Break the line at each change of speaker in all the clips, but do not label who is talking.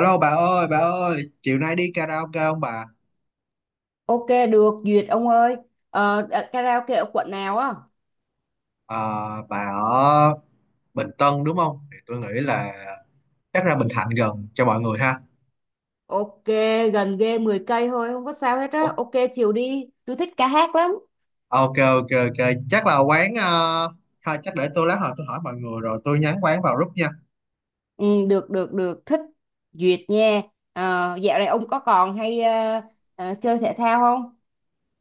Alo bà ơi, chiều nay đi karaoke không bà?
Ok được duyệt ông ơi. Karaoke ở quận nào á?
Ờ, bà ở Bình Tân đúng không? Thì tôi nghĩ là chắc ra Bình Thạnh gần cho mọi người ha.
Ok, gần ghê, 10 cây thôi, không có sao hết
Ủa?
á. Ok, chiều đi, tôi thích ca hát lắm.
Ok, ok, ok, chắc là quán, thôi, chắc để tôi lát hồi tôi hỏi mọi người rồi tôi nhắn quán vào group nha.
Ừ, được được được, thích, duyệt nha. Ờ, dạo này ông có còn hay chơi thể thao không?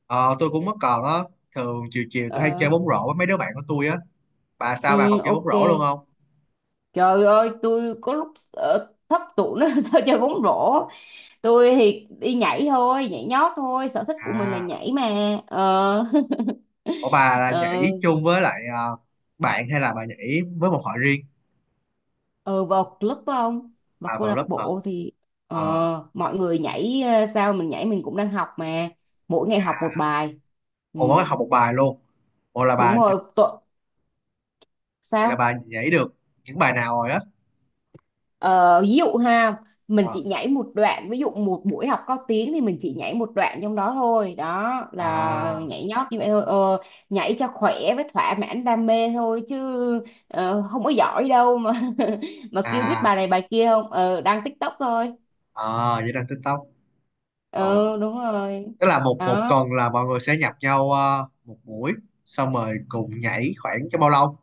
Ờ, tôi cũng mất còn á, thường chiều chiều tôi hay
Ờ,
chơi bóng rổ với mấy đứa bạn của tôi á. Bà sao bà
ừ,
còn chơi bóng
ok.
rổ luôn không?
Trời ơi, tôi có lúc thấp tủ nó, sao chơi bóng rổ. Tôi thì đi nhảy thôi, nhảy nhót thôi, sở thích của mình là
À,
nhảy mà ờ
ủa bà là
Ờ,
nhảy chung với lại bạn hay là bà nhảy với một hội riêng?
ừ, vào club không, vào
À,
câu
vào
lạc
lớp hả?
bộ thì
À,
mọi người nhảy, sao mình nhảy, mình cũng đang học mà. Mỗi ngày học một bài. Ừ,
ồ mới học một bài luôn. Ồ, là
đúng
bà
rồi, tội,
vậy là bà
sao.
nhảy được những bài nào rồi á.
Ờ, ví dụ ha, mình
Ờ.
chỉ nhảy một đoạn, ví dụ một buổi học có tiếng thì mình chỉ nhảy một đoạn trong đó thôi đó. Là
à
nhảy nhót như vậy thôi, nhảy cho khỏe với thỏa mãn đam mê thôi chứ, không có giỏi đâu mà. Mà kêu biết
à
bài này bài kia không, đăng TikTok thôi.
à, vậy là TikTok.
Ừ,
Ờ,
đúng rồi
tức là một một
đó.
tuần là mọi người sẽ nhập nhau một buổi, xong rồi cùng nhảy khoảng cho bao lâu,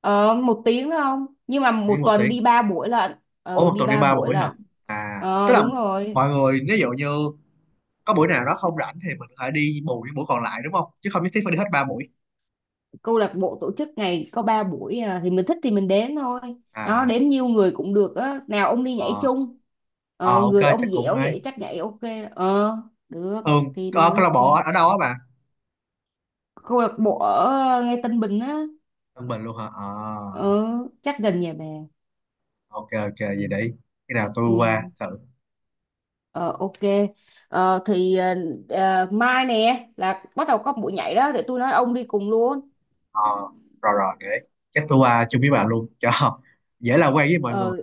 Ờ, một tiếng không? Nhưng mà
đi
một
một
tuần
tiếng.
đi 3 buổi lận.
Ủa,
Ờ,
một
đi
tuần đi
ba
ba
buổi
buổi hả?
lận.
À,
Ờ,
tức là
đúng rồi.
mọi người ví dụ như có buổi nào đó không rảnh thì mình có thể đi bù những buổi còn lại đúng không, chứ không nhất thiết phải đi hết ba buổi.
Câu lạc bộ tổ chức ngày có 3 buổi à, thì mình thích thì mình đến thôi. Đó,
À,
đến nhiều người cũng được á. Nào ông đi nhảy
ờ.
chung.
Ờ,
Ờ,
ok
người
chắc
ông
cũng
dẻo
hay.
vậy chắc nhảy ok. Ờ, được.
Thường
Thì nào
câu
đi
lạc bộ
cùng.
ở ở đâu á bà?
Câu lạc bộ ở ngay Tân Bình á.
Tân Bình luôn hả? Ờ,
Ờ, chắc gần nhà bà.
ok ok vậy để cái nào tôi
Ừ.
qua thử.
Ờ, ok. Ờ, thì mai nè là bắt đầu có buổi nhảy đó. Thì tôi nói ông đi cùng luôn.
Ờ, rồi rồi, để chắc tôi qua chung với bà luôn cho dễ làm quen với mọi người.
Ờ,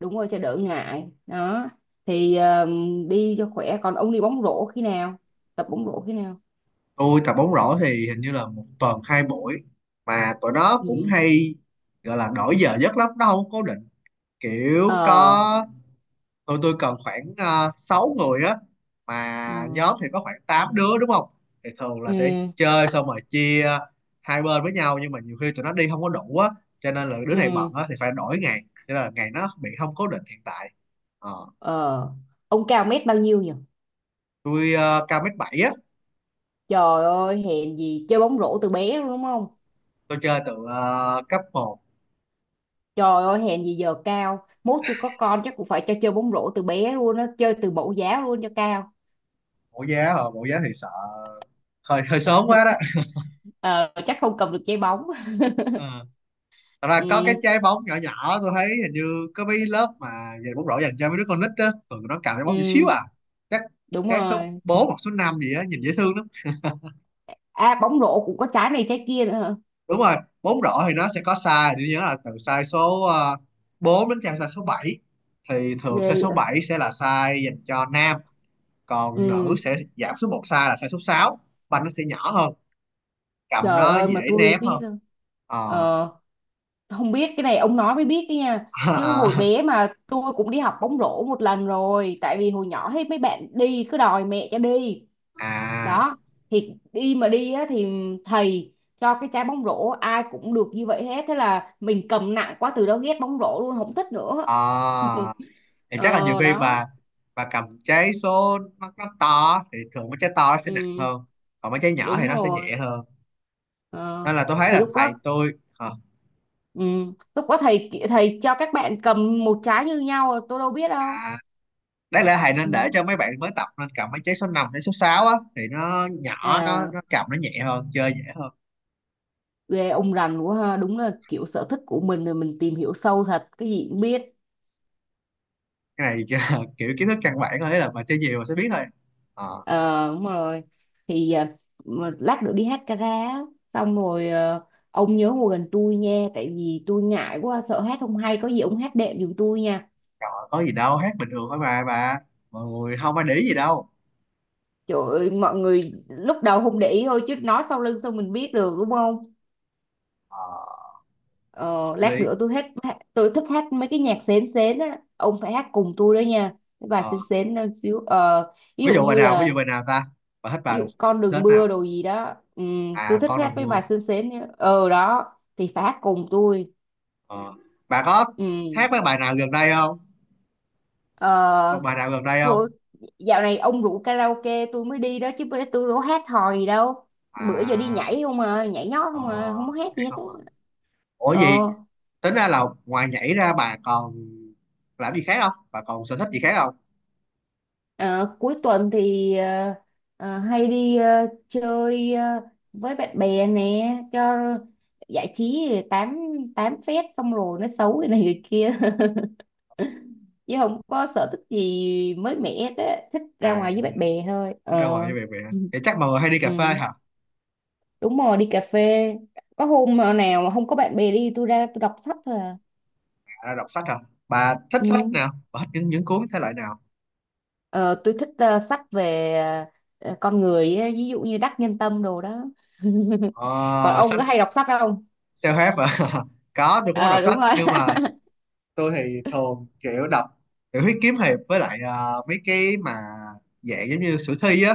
đúng rồi, cho đỡ ngại đó, thì đi cho khỏe. Còn ông đi bóng rổ khi nào, tập bóng rổ khi nào?
Tôi tập bóng rổ thì hình như là một tuần hai buổi, mà tụi nó cũng
Ừ.
hay gọi là đổi giờ giấc lắm, nó không cố định. Kiểu
Ờ.
có, tụi tôi cần khoảng 6 người á, mà
Ừ.
nhóm thì có khoảng 8 đứa đúng không, thì thường
Ừ.
là sẽ chơi xong rồi chia hai bên với nhau, nhưng mà nhiều khi tụi nó đi không có đủ á, cho nên là đứa
Ừ.
này bận á thì phải đổi ngày, cho nên là ngày nó bị không cố định hiện tại. Ờ,
Ờ. Ông cao mét bao nhiêu nhỉ?
tôi cao mét bảy á.
Trời ơi, hèn gì chơi bóng rổ từ bé luôn đúng không?
Tôi chơi từ cấp một.
Trời ơi, hèn gì giờ cao mốt. Tôi có con chắc cũng phải cho chơi bóng rổ từ bé luôn á, chơi từ mẫu giáo luôn cho cao.
Mẫu giá thì sợ hơi hơi sớm quá đó.
Không- chắc không cầm được trái bóng.
Ờ. Thật ra có cái
Ừ.
trái bóng nhỏ nhỏ, tôi thấy hình như có mấy lớp mà về bóng rổ dành cho mấy đứa con nít á, thường nó cầm trái bóng nhỏ xíu
Ừ,
à. Chắc
đúng
trái số
rồi.
bốn hoặc số năm gì á, nhìn dễ thương lắm.
À, bóng rổ cũng có trái này trái kia nữa hả?
Đúng rồi, bóng rổ thì nó sẽ có size, tôi nhớ là từ size số 4 đến size số bảy, thì thường size số
Ghê.
7 sẽ là size dành cho nam, còn nữ
Ừ.
sẽ giảm xuống một size là size số 6, banh nó sẽ nhỏ hơn, cầm
Trời
nó
ơi,
dễ
mà tôi
ném
biết
hơn.
đâu.
Ờ.
Ờ, không biết cái này ông nói mới biết đấy nha. Chứ hồi
à,
bé mà tôi cũng đi học bóng rổ một lần rồi. Tại vì hồi nhỏ hết mấy bạn đi cứ đòi mẹ cho đi.
à,
Đó, thì đi mà đi á, thì thầy cho cái trái bóng rổ ai cũng được như vậy hết. Thế là mình cầm nặng quá, từ đó ghét bóng rổ luôn, không thích
à.
nữa.
Thì chắc là nhiều
Ờ,
khi
đó,
bà cầm trái số, nó to thì thường mấy trái to nó sẽ nặng
ừ,
hơn, còn mấy trái nhỏ thì
đúng
nó sẽ
rồi.
nhẹ hơn,
Ờ,
nên là tôi thấy
thì
là
lúc đó,
thầy tôi ờ,
ừ. Lúc đó thầy thầy cho các bạn cầm một trái như nhau, tôi đâu biết đâu.
à, đáng lẽ thầy
Ừ.
nên để cho mấy bạn mới tập nên cầm mấy trái số 5 đến số 6 á, thì nó nhỏ, nó
À,
nó cầm nó nhẹ hơn, chơi dễ hơn.
ghê, ông rành quá ha, đúng là kiểu sở thích của mình rồi mình tìm hiểu sâu thật, cái gì cũng biết.
Cái này kiểu kiểu kiến thức căn bản thôi, ý là mà chơi nhiều mà sẽ biết thôi. Ờ,
Ờ, đúng rồi, thì à, mà lát nữa đi hát karaoke á, xong rồi à, ông nhớ ngồi gần tôi nha. Tại vì tôi ngại quá, sợ hát không hay, có gì ông hát đệm giùm tôi nha.
trời ơi, có gì đâu, hát bình thường thôi mà bà, mọi người không ai để ý gì đâu.
Trời ơi, mọi người lúc đầu không để ý thôi, chứ nói sau lưng sao mình biết được đúng không?
Ờ,
Ờ,
hợp
lát
lý.
nữa tôi hết. Tôi thích hát mấy cái nhạc sến sến á, ông phải hát cùng tôi đó nha. Cái bài
Ờ,
sến sến nó xíu, ví
ví
dụ
dụ bài
như
nào, ví dụ
là,
bài nào ta, bà thích
ví
bài
dụ con
thích
đừng mưa
nào?
đồ gì đó, ừ.
À,
Tôi thích
con
hát
được
mấy
vua.
bài sến sến nhá. Ờ, đó, thì phải hát cùng tôi.
Ờ. Bà có
Ừ.
hát mấy bài nào gần đây không,
Ờ,
còn bài nào gần đây không?
thôi, dạo này ông rủ karaoke tôi mới đi đó chứ, bữa tôi đâu có hát hò gì đâu. Bữa giờ đi
À,
nhảy không à, nhảy nhót
ờ,
không à, không có hát
vậy
gì hết á.
không à? Ủa gì?
Ờ.
Tính ra là ngoài nhảy ra bà còn làm gì khác không, bà còn sở thích gì khác không?
Ờ, cuối tuần thì hay đi chơi với bạn bè nè, cho giải trí, rồi tám tám phét, xong rồi nó xấu cái này người kia. Chứ không có sở thích gì mới mẻ hết á, thích ra
À,
ngoài với bạn bè thôi
ra
ờ
ngoài như vậy vậy hả?
ừ.
Vậy chắc mọi người hay đi cà
Ừ.
phê hả?
Đúng rồi, đi cà phê. Có hôm nào mà không có bạn bè đi, tôi ra tôi đọc sách thôi à.
À, đọc sách hả? Bà thích
Ừ.
sách nào, bà thích những cuốn thể loại nào?
Ờ, tôi thích sách về con người ấy, ví dụ như Đắc Nhân Tâm đồ đó. Còn
Ờ,
ông
Sách
có hay đọc sách không?
self-help hả? Có, tôi cũng có
Ờ
đọc sách
đúng rồi.
nhưng mà tôi thì thường kiểu đọc tiểu thuyết kiếm hiệp với lại mấy cái mà dạng giống như sử thi á,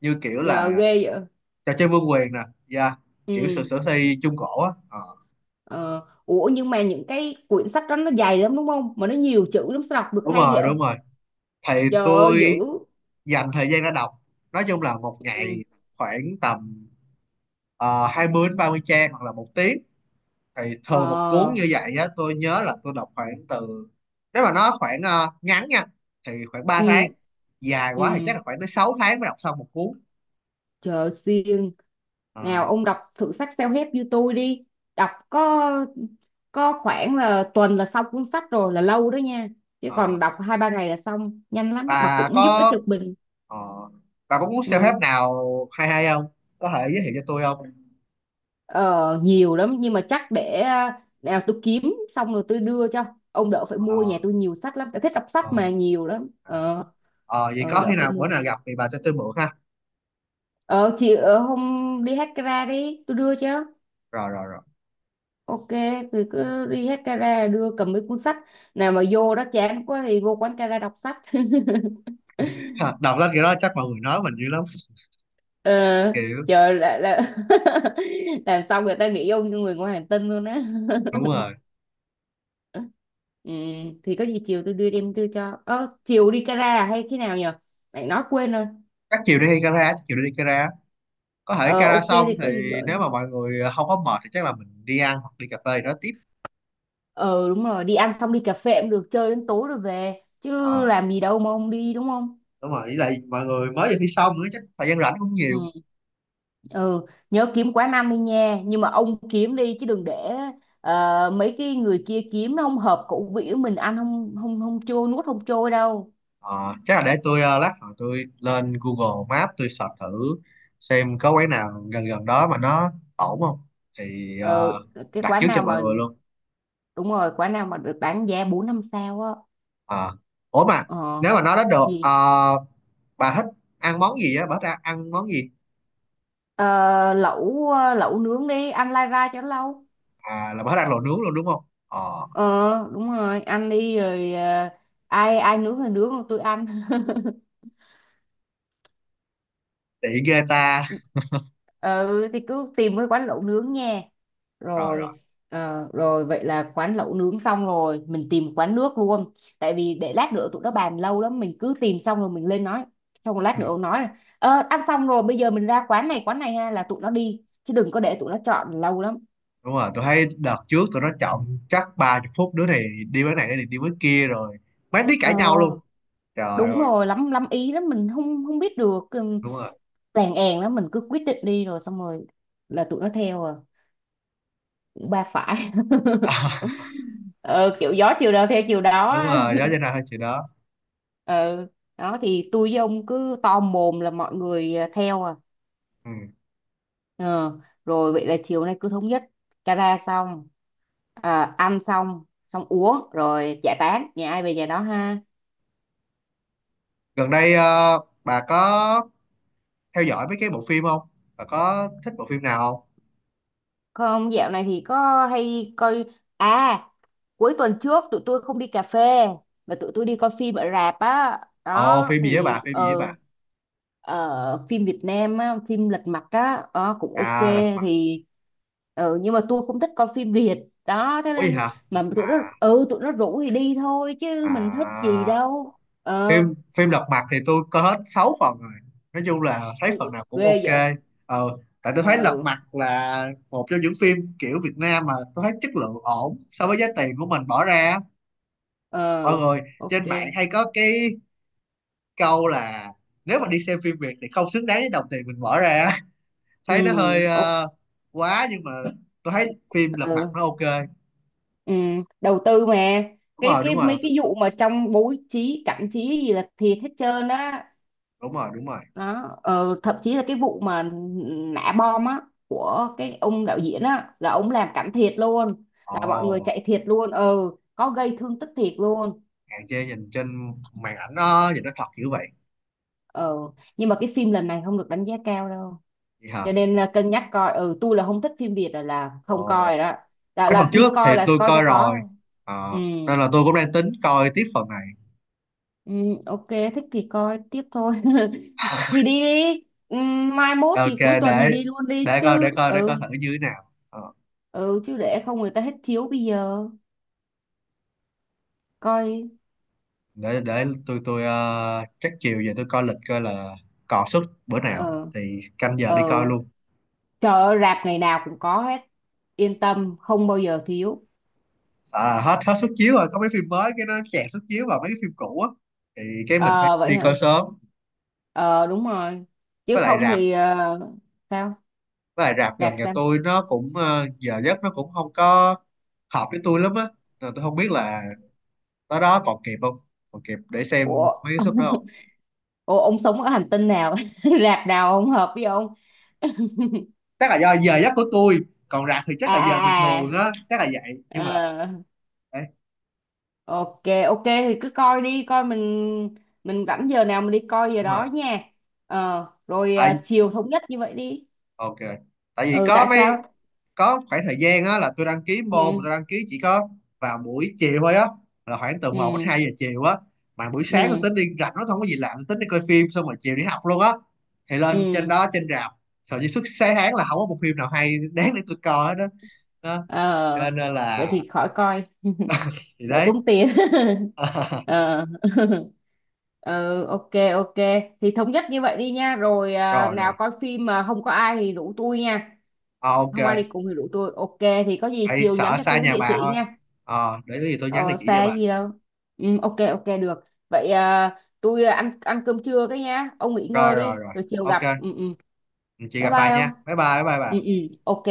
như kiểu
Giờ
là
ghê vậy.
trò chơi vương quyền nè, yeah. Kiểu sử
Ừ.
sử thi trung cổ á. Ờ,
Ờ. Ủa nhưng mà những cái quyển sách đó nó dài lắm đúng không, mà nó nhiều chữ lắm, sao đọc được
đúng
hay vậy?
rồi đúng rồi, thì
Trời ơi,
tôi
dữ.
dành thời gian ra đọc, nói chung là một
Ừ.
ngày khoảng tầm 20 đến 30 trang hoặc là 1 tiếng, thì
Ờ.
thường một cuốn như vậy á, tôi nhớ là tôi đọc khoảng từ, nếu mà nó khoảng ngắn nha thì khoảng ba
Ừ.
tháng dài quá thì chắc
Ừ.
là khoảng tới 6 tháng mới đọc xong một cuốn.
Trời ơi, siêng. Nào
Ờ,
ông đọc thử sách self-help như tôi đi. Đọc có khoảng là tuần là xong cuốn sách rồi, là lâu đó nha. Chứ
ờ.
còn đọc 2-3 ngày là xong nhanh lắm, mà
bà
cũng giúp ích
có
được mình.
ờ, bà có muốn self-help
Ừ.
nào hay hay không, có thể giới thiệu cho tôi không?
Ờ, nhiều lắm nhưng mà chắc để, à, nào tôi kiếm xong rồi tôi đưa cho ông đỡ phải mua.
Ờ,
Nhà tôi nhiều sách lắm, tôi thích đọc
ờ,
sách mà, nhiều lắm
à.
ờ,
Ờ, vậy
ờ,
có
đỡ
khi
phải
nào bữa
mua.
nào gặp thì bà cho tôi mượn ha.
Ờ, chị ở hôm, đi hát ra đi tôi đưa cho.
Rồi rồi rồi.
Ok, thì cứ đi hết gara đưa cầm mấy cuốn sách. Nào mà vô đó chán quá thì vô quán gara đọc sách.
Đọc lên kiểu đó chắc mọi người nói mình dữ lắm.
ờ,
Kiểu
Chờ là, làm xong người ta nghĩ ông như người ngoài hành tinh luôn á.
đúng rồi,
Ừ, thì có gì chiều tôi đưa, em đưa cho, chiều đi gara, à hay khi nào nhờ, mày nói quên rồi.
chắc chiều đi Kara, có thể
Ờ,
Kara
ok
xong
thì có gì
thì
gọi.
nếu mà mọi người không có mệt thì chắc là mình đi ăn hoặc đi cà phê gì đó tiếp.
Ờ đúng rồi, đi ăn xong đi cà phê cũng được, chơi đến tối rồi về chứ,
ờ,
làm gì đâu mà không đi đúng không?
Đúng rồi, với lại mọi người mới vừa thi xong nữa, chắc thời gian rảnh cũng
Ừ.
nhiều.
Ừ. Nhớ kiếm quán năm đi nha, nhưng mà ông kiếm đi chứ đừng để mấy cái người kia kiếm nó không hợp khẩu vị của mình, ăn không, không trôi, nuốt không trôi đâu.
Ờ, chắc là để tôi lát hồi tôi lên Google Maps tôi search thử xem có quán nào gần gần đó mà nó ổn không, thì
Ờ, cái
đặt
quán
trước cho
nào
mọi
mà,
người luôn.
đúng rồi quán nào mà được bán giá 4-5 sao á.
Ờ. Ủa mà
Ờ,
nếu mà nói đến được
gì.
bà thích ăn món gì á, bà thích ăn món gì?
Ờ, lẩu, lẩu nướng, đi ăn lai ra cho nó lâu.
À, là bà thích ăn lẩu nướng luôn đúng không? Ờ,
Ờ đúng rồi, ăn đi rồi, ai ai nướng thì nướng, còn tôi ăn.
tiện ghê ta.
Ừ thì cứ tìm cái quán lẩu nướng nha,
Rồi rồi.
rồi. Ờ, rồi vậy là quán lẩu nướng xong rồi mình tìm quán nước luôn. Tại vì để lát nữa tụi nó bàn lâu lắm, mình cứ tìm xong rồi mình lên nói. Xong rồi lát
Ừ,
nữa ông nói là, ăn xong rồi bây giờ mình ra quán này ha là tụi nó đi, chứ đừng có để tụi nó chọn lâu lắm.
đúng rồi, tôi thấy đợt trước tụi nó chọn chắc 30 phút, đứa này đi với này, đứa này đi với kia, rồi mấy tí
Ờ
cãi nhau luôn. Trời
đúng
ơi,
rồi, lắm lắm ý lắm, mình không không biết được,
đúng rồi.
tèn èn lắm, mình cứ quyết định đi rồi xong rồi là tụi nó theo à, cũng ba phải. Ờ, kiểu gió chiều nào theo chiều
Đúng
đó.
rồi đó, cho nên là hơi chuyện đó.
Ừ đó, thì tôi với ông cứ to mồm là mọi người à, theo à.
Ừ.
Ờ, rồi vậy là chiều nay cứ thống nhất: cara xong, à, ăn xong, xong uống rồi giải tán, nhà ai về nhà đó ha.
Gần đây bà có theo dõi mấy cái bộ phim không, bà có thích bộ phim nào không?
Không, dạo này thì có hay coi. À, cuối tuần trước tụi tôi không đi cà phê mà tụi tôi đi coi phim ở rạp á.
Ồ,
Đó thì
phim gì với bà?
phim Việt Nam á, phim Lật Mặt á, cũng ok.
À, lật mặt.
Thì nhưng mà tôi không thích coi phim Việt đó, thế
Ủa gì
nên,
hả?
mà tụi nó,
À,
ừ, tụi nó rủ thì đi thôi chứ mình thích gì
à,
đâu. Ờ.
phim phim lật mặt thì tôi coi hết 6 phần rồi, nói chung là thấy phần nào
Ghê
cũng
vậy.
ok. Ờ, tại tôi thấy lật
Ờ.
mặt là một trong những phim kiểu Việt Nam mà tôi thấy chất lượng ổn so với giá tiền của mình bỏ ra. Mọi
Ờ,
người
ok.
trên mạng hay có cái câu là nếu mà đi xem phim Việt thì không xứng đáng với đồng tiền mình bỏ ra,
Ừ.
thấy nó hơi quá nhưng mà tôi thấy phim Lật Mặt nó
Ok.
ok.
Ừ, đầu tư mà.
Đúng
cái
rồi,
cái
đúng
mấy
rồi,
cái vụ mà trong bố trí cảnh trí gì là thiệt hết trơn á.
đúng rồi, đúng rồi.
Đó, thậm chí là cái vụ mà nã bom á của cái ông đạo diễn á là ông làm cảnh thiệt luôn. Là mọi người
Ồ,
chạy thiệt luôn, ừ, có gây thương tích thiệt luôn.
hạn chế nhìn trên màn ảnh, nó nhìn nó thật kiểu vậy.
Ờ, nhưng mà cái phim lần này không được đánh giá cao đâu.
Vậy hả?
Cho nên là cân nhắc coi. Ừ, tôi là không thích phim Việt rồi là không
Ồ,
coi rồi đó, là,
mấy phần
là
trước
đi coi
thì
là
tôi
coi cho
coi rồi.
có. Ừ,
Ờ, nên là tôi cũng đang tính coi tiếp phần này.
ừ ok, thích thì coi tiếp thôi. Thì đi đi. Mai mốt
Ok,
thì cuối tuần thì
để
đi luôn đi
để coi
chứ,
để coi để
ừ.
coi thử như thế nào. Ờ,
Ừ, chứ để không người ta hết chiếu bây giờ coi.
để tôi chắc chiều về tôi coi lịch coi là còn suất bữa nào
Ờ.
thì canh giờ đi
Ờ.
coi luôn.
Trời ơi, rạp ngày nào cũng có hết, yên tâm không bao giờ thiếu.
À, hết hết suất chiếu rồi, có mấy phim mới cái nó chẹt suất chiếu vào mấy cái phim cũ á, thì cái mình phải
Ờ vậy
đi coi
hả.
sớm.
Ờ đúng rồi,
với
chứ
lại
không
rạp
thì, sao,
với lại rạp
rạp
gần nhà
sao?
tôi nó cũng giờ giấc nó cũng không có hợp với tôi lắm á, nên tôi không biết là tới đó còn kịp không, còn kịp để
Ủa.
xem mấy cái suất đó không.
Ủa ông sống ở hành tinh nào, rạp nào không hợp với ông?
Chắc là do giờ giấc của tôi, còn rạp thì
À.
chắc là giờ bình thường
À.
á, chắc là vậy
À.
nhưng mà
Ờ.
đấy,
Ok, ok thì cứ coi đi, coi mình, rảnh giờ nào mình đi coi giờ
đúng
đó
rồi.
nha. Ờ, rồi
Ấy,
à, chiều thống nhất như vậy đi.
ok, tại vì
Ừ,
có
tại
mấy,
sao?
có khoảng thời gian á là tôi đăng ký môn mà
Ừ,
tôi đăng ký chỉ có vào buổi chiều thôi á, là khoảng từ một đến
ừ,
2 giờ chiều á, mà buổi sáng tôi
ừ,
tính đi rảnh nó không có gì làm, tôi tính đi coi phim xong rồi chiều đi học luôn á, thì lên trên
ừ.
đó trên rạp, thời gian suốt sáng tháng là không có một phim nào hay đáng để tôi coi hết đó. Đó, cho
Ờ,
nên
vậy
là
thì khỏi coi,
thì
đỡ
đấy.
tốn tiền. Ờ, ừ, ok, ok. Thì thống nhất như vậy đi nha. Rồi à,
Rồi
nào
rồi.
coi phim mà không có ai thì rủ tôi nha.
Ờ, ok,
Không ai đi cùng thì rủ tôi. Ok, thì có gì
tại
chiều nhắn
sợ
cho
xa
tôi
nhà
cái địa
bà
chỉ
thôi.
nha.
Ờ, để có gì tôi nhắn địa
Ờ,
chỉ cho
xa
bà.
gì đâu. Ừ, ok ok được. Vậy à, tôi à, ăn ăn cơm trưa cái nhá. Ông nghỉ ngơi
Rồi rồi
đi,
rồi,
rồi chiều
ok.
gặp. Ừ ừ.
Chị
Bye
gặp bà
bye ông.
nha, bye bye bye bye bà.
Ừ ừ. Ok.